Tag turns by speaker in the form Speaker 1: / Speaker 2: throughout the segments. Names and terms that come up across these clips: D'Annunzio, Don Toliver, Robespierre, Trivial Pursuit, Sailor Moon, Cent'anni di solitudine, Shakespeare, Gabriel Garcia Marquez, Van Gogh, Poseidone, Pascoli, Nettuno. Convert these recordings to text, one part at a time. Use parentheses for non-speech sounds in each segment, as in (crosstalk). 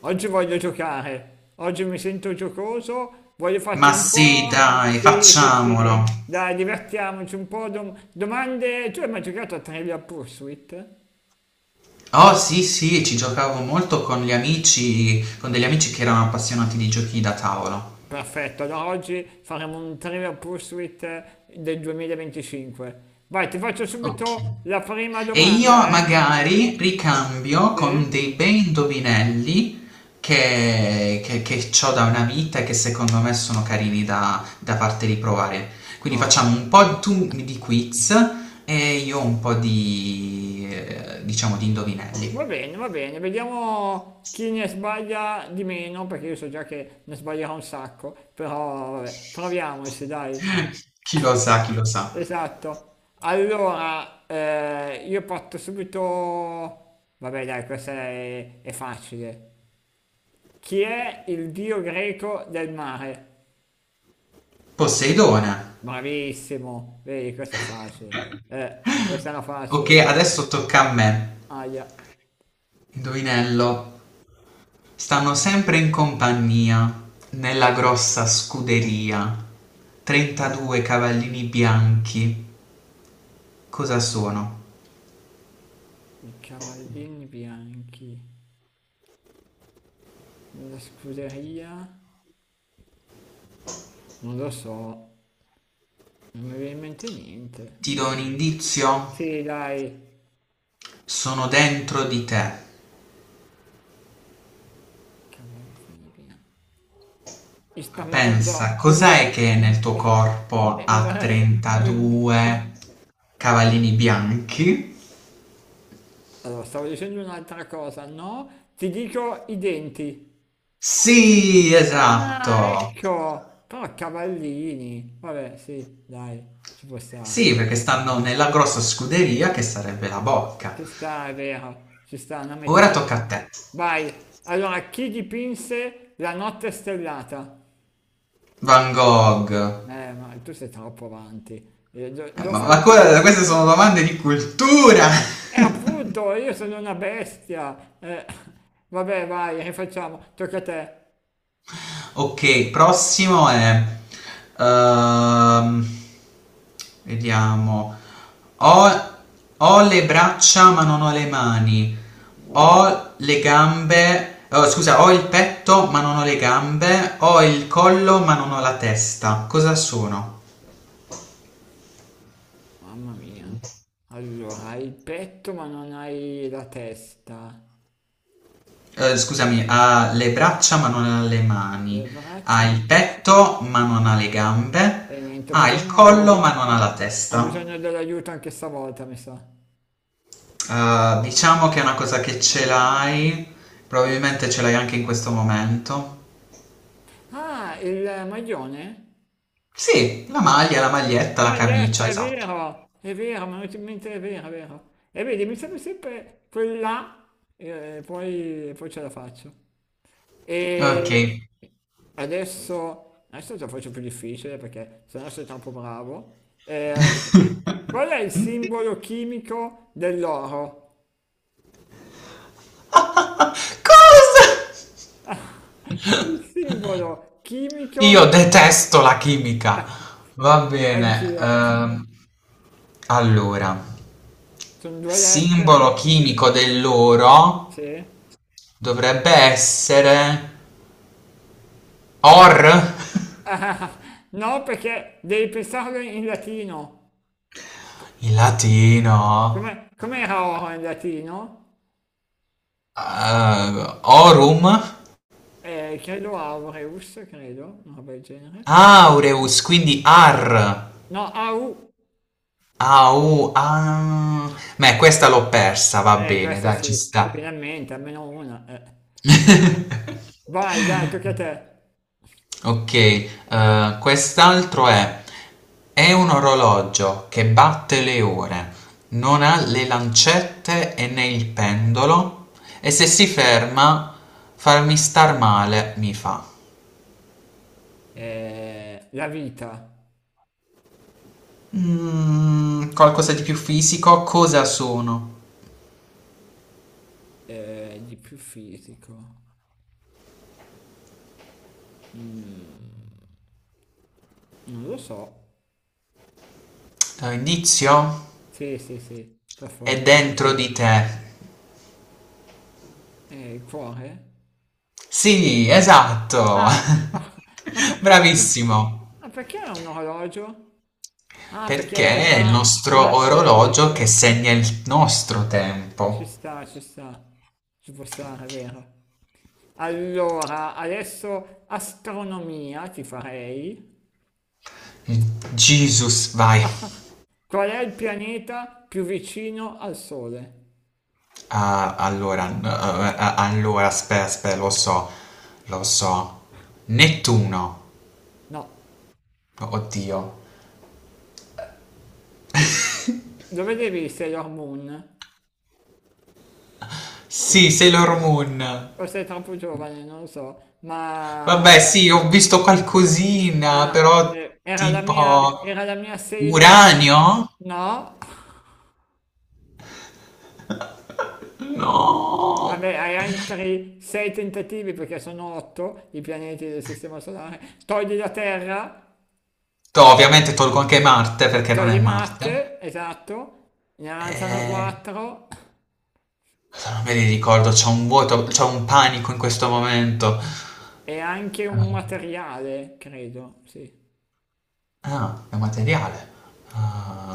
Speaker 1: Oggi voglio giocare, oggi mi sento giocoso, voglio farti
Speaker 2: Ma
Speaker 1: un po'.
Speaker 2: sì, dai,
Speaker 1: Sì, sì,
Speaker 2: facciamolo.
Speaker 1: sì, dai, divertiamoci un po'. Domande, tu hai mai giocato a Trivial Pursuit?
Speaker 2: Oh sì, sì, ci giocavo molto con gli amici, con degli amici che erano appassionati di giochi da tavolo.
Speaker 1: Perfetto, allora oggi faremo un Trivial Pursuit del 2025. Vai, ti faccio
Speaker 2: Ok.
Speaker 1: subito la prima
Speaker 2: E io
Speaker 1: domanda, eh?
Speaker 2: magari ricambio con
Speaker 1: Sì?
Speaker 2: dei bei indovinelli che ho da una vita e che secondo me sono carini da, da farti riprovare. Quindi
Speaker 1: Oh,
Speaker 2: facciamo un po' tu di quiz e io un po' di, diciamo, di indovinelli.
Speaker 1: va bene, vediamo chi ne sbaglia di meno, perché io so già che ne sbaglierò un sacco, però vabbè, proviamoci, dai.
Speaker 2: (laughs) Chi lo sa, chi lo sa.
Speaker 1: Esatto. Allora, io parto subito... Vabbè, dai, è facile. Chi è il dio greco del mare?
Speaker 2: Poseidone.
Speaker 1: Bravissimo. Vedi, questa è facile. Questa è una
Speaker 2: Ok,
Speaker 1: facile.
Speaker 2: adesso tocca a me.
Speaker 1: Aia.
Speaker 2: Indovinello. Stanno sempre in compagnia, nella grossa scuderia. 32 cavallini bianchi. Cosa sono?
Speaker 1: I cavallini bianchi. Nella scuderia? Non lo so. Non mi viene in mente niente.
Speaker 2: Ti do un indizio?
Speaker 1: Sì, dai.
Speaker 2: Sono dentro di te.
Speaker 1: Cavallini bianchi, gli spermatozoi,
Speaker 2: Pensa, cos'è che nel tuo
Speaker 1: (laughs)
Speaker 2: corpo
Speaker 1: e
Speaker 2: ha
Speaker 1: (laughs) mi-
Speaker 2: 32 cavallini bianchi?
Speaker 1: Allora, stavo dicendo un'altra cosa, no? Ti dico i denti.
Speaker 2: Sì,
Speaker 1: Ah,
Speaker 2: esatto.
Speaker 1: ecco! Però cavallini. Vabbè, sì, dai, ci può stare.
Speaker 2: Sì, perché stanno nella grossa scuderia che sarebbe la bocca.
Speaker 1: Ci sta, è vero. Ci sta una
Speaker 2: Ora tocca
Speaker 1: metafora.
Speaker 2: a te.
Speaker 1: Vai. Allora, chi dipinse la notte stellata?
Speaker 2: Van Gogh.
Speaker 1: Ma tu sei troppo avanti. Devo
Speaker 2: Ma,
Speaker 1: fare più difficile.
Speaker 2: queste sono domande di cultura.
Speaker 1: E
Speaker 2: (laughs)
Speaker 1: appunto, io sono una bestia. Vabbè, vai, rifacciamo. Tocca a te.
Speaker 2: Ok, prossimo è... ehm, vediamo. Ho, Ho le braccia ma non ho le mani. Ho le gambe... oh, scusa, Ho il petto ma non ho le gambe. Ho il collo ma non ho la testa. Cosa sono?
Speaker 1: Mamma mia. Allora, hai il petto ma non hai la testa.
Speaker 2: Eh, scusami, ha le braccia ma non ha le
Speaker 1: Le
Speaker 2: mani,
Speaker 1: braccia...
Speaker 2: ha
Speaker 1: ma-
Speaker 2: il petto ma non ha le gambe,
Speaker 1: E niente,
Speaker 2: ha il collo ma non ha la
Speaker 1: ho
Speaker 2: testa.
Speaker 1: bisogno dell'aiuto anche stavolta, mi sa.
Speaker 2: Diciamo che è una cosa che ce l'hai, probabilmente ce l'hai anche in questo momento.
Speaker 1: Ah, il maglione?
Speaker 2: Sì, la maglia, la maglietta, la
Speaker 1: Maglietta,
Speaker 2: camicia, esatto.
Speaker 1: è vero, mi è venuto in mente, è vero, è vero. E vedi, mi serve sempre quella e poi ce la faccio.
Speaker 2: Ok.
Speaker 1: E adesso te lo faccio più difficile perché sennò sei troppo bravo.
Speaker 2: (laughs)
Speaker 1: Qual è il simbolo chimico dell'oro?
Speaker 2: Cosa?
Speaker 1: (laughs) Il simbolo
Speaker 2: Io
Speaker 1: chimico,
Speaker 2: detesto la chimica. Va bene.
Speaker 1: anch'io.
Speaker 2: Allora.
Speaker 1: Sono due lettere,
Speaker 2: Simbolo chimico dell'oro
Speaker 1: sì.
Speaker 2: dovrebbe essere Or.
Speaker 1: Ah, no, perché devi pensarlo in latino.
Speaker 2: (laughs) In latino
Speaker 1: Com'era oro in latino?
Speaker 2: Aurum.
Speaker 1: Credo aureus, credo, una roba del genere.
Speaker 2: Aureus, quindi Ar.
Speaker 1: No, au.
Speaker 2: Au, ah. Beh, questa l'ho persa, va bene,
Speaker 1: Questa
Speaker 2: dai, ci
Speaker 1: sì,
Speaker 2: sta.
Speaker 1: finalmente, almeno una. Eh. Vai, dai, tocca a te.
Speaker 2: (laughs) Ok, quest'altro è un orologio che batte le ore, non ha le lancette e né il pendolo, e se si ferma, farmi star male mi fa.
Speaker 1: La vita,
Speaker 2: Mm, qualcosa di più fisico, cosa sono?
Speaker 1: di più fisico. Mm, non lo so.
Speaker 2: Indizio?
Speaker 1: Sì, sì, sì, per
Speaker 2: È
Speaker 1: forza.
Speaker 2: dentro di te.
Speaker 1: Il cuore?
Speaker 2: Sì, esatto.
Speaker 1: Ah, (laughs) ah, ma
Speaker 2: (laughs)
Speaker 1: perché?
Speaker 2: Bravissimo.
Speaker 1: Ma perché è un orologio? Ah, perché
Speaker 2: Perché è il
Speaker 1: fa
Speaker 2: nostro
Speaker 1: batte, sì, sì,
Speaker 2: orologio che segna il nostro
Speaker 1: ci
Speaker 2: tempo.
Speaker 1: sta, ci sta, ci può stare, è vero. Allora, adesso astronomia ti farei.
Speaker 2: Jesus,
Speaker 1: (laughs)
Speaker 2: vai.
Speaker 1: Ah, qual è il pianeta più vicino al Sole?
Speaker 2: Ah, allora, allora, aspetta, aspetta, lo so, lo so. Nettuno.
Speaker 1: No,
Speaker 2: Oddio.
Speaker 1: lo vedevi Sailor Moon? O se-
Speaker 2: Sì, Sailor Moon.
Speaker 1: o sei troppo giovane, non lo so,
Speaker 2: Vabbè,
Speaker 1: ma
Speaker 2: sì, ho
Speaker 1: (laughs)
Speaker 2: visto qualcosina,
Speaker 1: ah,
Speaker 2: però
Speaker 1: era
Speaker 2: tipo...
Speaker 1: era la mia Sailor...
Speaker 2: Uranio?
Speaker 1: No?
Speaker 2: No.
Speaker 1: Vabbè, hai altri sei tentativi perché sono otto i pianeti del Sistema Solare. Togli la Terra,
Speaker 2: Ovviamente tolgo anche Marte perché non è
Speaker 1: togli
Speaker 2: Marte.
Speaker 1: Marte, esatto, ne avanzano
Speaker 2: Eh,
Speaker 1: quattro
Speaker 2: Non me li ricordo, c'ho un panico in questo momento.
Speaker 1: e anche un
Speaker 2: Eh,
Speaker 1: materiale, credo, sì.
Speaker 2: Ah, è materiale.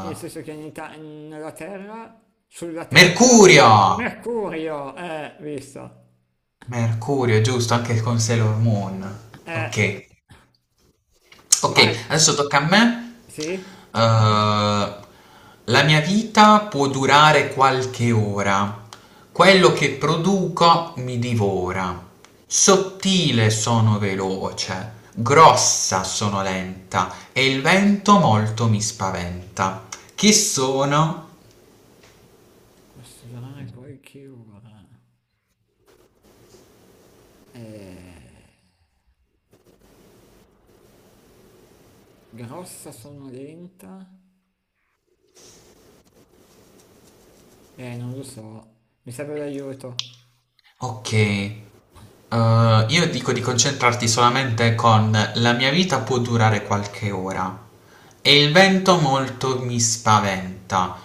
Speaker 1: Nel senso che nella Terra, sulla Terra,
Speaker 2: Mercurio!
Speaker 1: Mercurio, visto,
Speaker 2: Mercurio, giusto, anche con Sailor Moon.
Speaker 1: eh,
Speaker 2: Ok.
Speaker 1: vai,
Speaker 2: Ok, adesso tocca a me.
Speaker 1: sì?
Speaker 2: Eh, la mia vita può durare qualche ora. Quello che produco mi divora. Sottile sono veloce, grossa sono lenta e il vento molto mi spaventa. Chi sono?
Speaker 1: Posso durare qualche ora. Eh, grossa sonolenta? Non lo so, mi serve l'aiuto.
Speaker 2: Ok. Io dico di concentrarti solamente con la mia vita può durare qualche ora e il vento molto mi spaventa.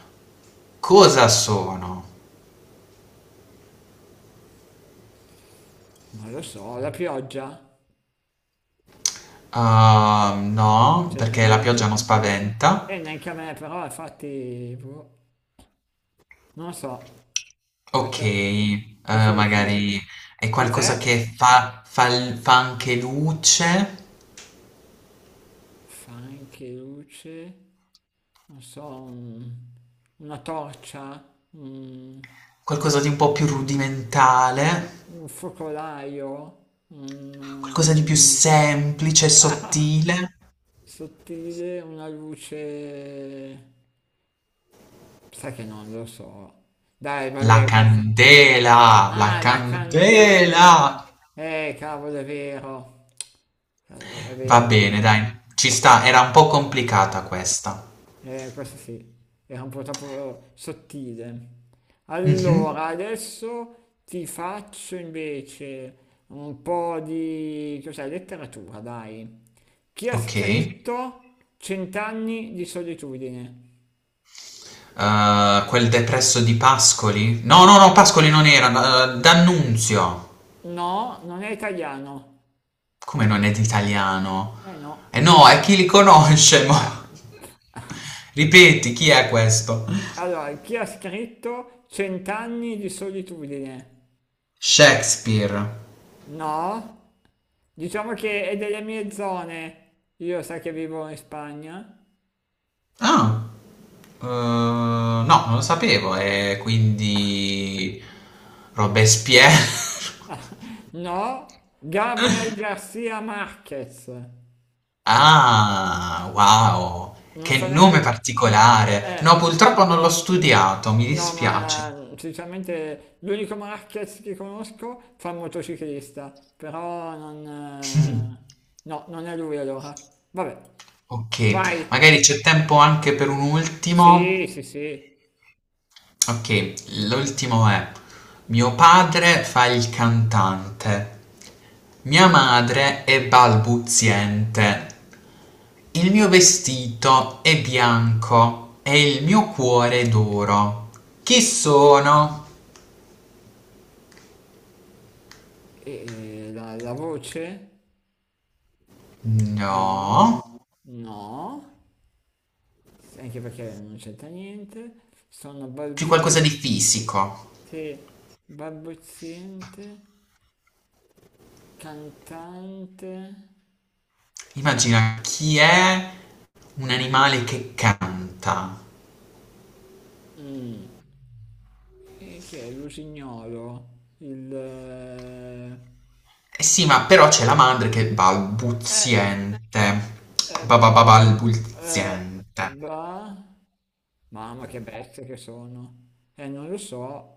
Speaker 2: Cosa sono?
Speaker 1: Non lo so, la pioggia?
Speaker 2: Ah,
Speaker 1: No,
Speaker 2: no, perché la
Speaker 1: certamente.
Speaker 2: pioggia non spaventa.
Speaker 1: E neanche a me, però, infatti, boh, non lo so,
Speaker 2: Ok,
Speaker 1: questa, questa è difficile.
Speaker 2: magari è qualcosa
Speaker 1: Cos'è?
Speaker 2: che fa anche luce,
Speaker 1: Fa anche luce, non so, un- una torcia, un,
Speaker 2: qualcosa di un po' più rudimentale,
Speaker 1: un focolaio, un...
Speaker 2: qualcosa di più semplice,
Speaker 1: Ah!
Speaker 2: sottile.
Speaker 1: Sottile, una luce... Sai che non lo so. Dai,
Speaker 2: La
Speaker 1: vabbè, questa...
Speaker 2: candela, la
Speaker 1: Ah, la
Speaker 2: candela!
Speaker 1: candela! Cavolo, è vero. Cavolo, è
Speaker 2: Va
Speaker 1: vero, è
Speaker 2: bene,
Speaker 1: vero.
Speaker 2: dai, ci sta, era un po' complicata questa.
Speaker 1: Questo sì, era un po' troppo sottile.
Speaker 2: Mhm,
Speaker 1: Allora, adesso ti faccio invece un po' di, cos'è, letteratura, dai. Chi ha
Speaker 2: ok.
Speaker 1: scritto Cent'anni di solitudine?
Speaker 2: Quel depresso di Pascoli? No, no, no, Pascoli non era, D'Annunzio.
Speaker 1: No, non è italiano.
Speaker 2: Come non è d'italiano?
Speaker 1: Eh no.
Speaker 2: Eh no, è chi li conosce, mo.
Speaker 1: Ah.
Speaker 2: (laughs) Ripeti, chi è questo?
Speaker 1: Allora, chi ha scritto Cent'anni di solitudine?
Speaker 2: Shakespeare.
Speaker 1: No. Diciamo che è delle mie zone. Io sai che vivo in Spagna.
Speaker 2: Ah, no, non lo sapevo. E quindi Robespierre.
Speaker 1: No? Gabriel
Speaker 2: (laughs)
Speaker 1: Garcia Marquez.
Speaker 2: Ah, wow,
Speaker 1: Non so
Speaker 2: che
Speaker 1: neanche...
Speaker 2: nome particolare. No,
Speaker 1: Eh,
Speaker 2: purtroppo non l'ho studiato, mi
Speaker 1: no,
Speaker 2: dispiace.
Speaker 1: ma sinceramente l'unico Marquez che conosco fa il motociclista, però non...
Speaker 2: (laughs)
Speaker 1: eh, no, non è lui allora. Vabbè,
Speaker 2: Ok,
Speaker 1: vai.
Speaker 2: magari c'è tempo anche per un
Speaker 1: Sì,
Speaker 2: ultimo.
Speaker 1: sì, sì.
Speaker 2: Ok, l'ultimo è: mio padre fa il cantante, mia madre è balbuziente, il mio vestito è bianco e il mio cuore è d'oro. Chi sono?
Speaker 1: E la voce? No,
Speaker 2: No,
Speaker 1: no. Anche perché non c'entra niente. Sono
Speaker 2: più qualcosa di fisico.
Speaker 1: balbuziente. Cantante?
Speaker 2: Immagina chi è un animale che canta.
Speaker 1: Mm. E chi è? Lusignolo? Il...
Speaker 2: Eh sì, ma però c'è la madre che è
Speaker 1: Eh,
Speaker 2: balbuziente.
Speaker 1: eh,
Speaker 2: Bababalbuziente.
Speaker 1: ba... Mamma che bestie che sono. Non lo so.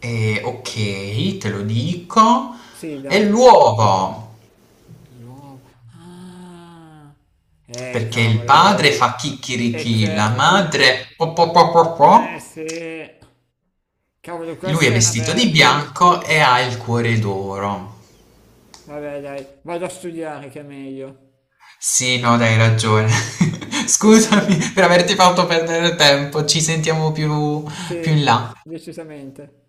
Speaker 2: E ok, te lo dico.
Speaker 1: Sì,
Speaker 2: E
Speaker 1: dai.
Speaker 2: l'uovo,
Speaker 1: Ruolo. Ah.
Speaker 2: perché il
Speaker 1: Cavolo, è
Speaker 2: padre
Speaker 1: vero.
Speaker 2: fa
Speaker 1: E
Speaker 2: chicchirichì, la
Speaker 1: certo.
Speaker 2: madre po po po po po.
Speaker 1: Sì. Cavolo,
Speaker 2: Lui è
Speaker 1: questa è una
Speaker 2: vestito di
Speaker 1: bella.
Speaker 2: bianco e ha il cuore d'oro.
Speaker 1: Vabbè, dai, vado a studiare che è meglio.
Speaker 2: Sì, no, dai, hai ragione. (laughs)
Speaker 1: (laughs) È
Speaker 2: Scusami
Speaker 1: meglio.
Speaker 2: per averti fatto perdere tempo. Ci sentiamo più più in
Speaker 1: Sì,
Speaker 2: là.
Speaker 1: decisamente.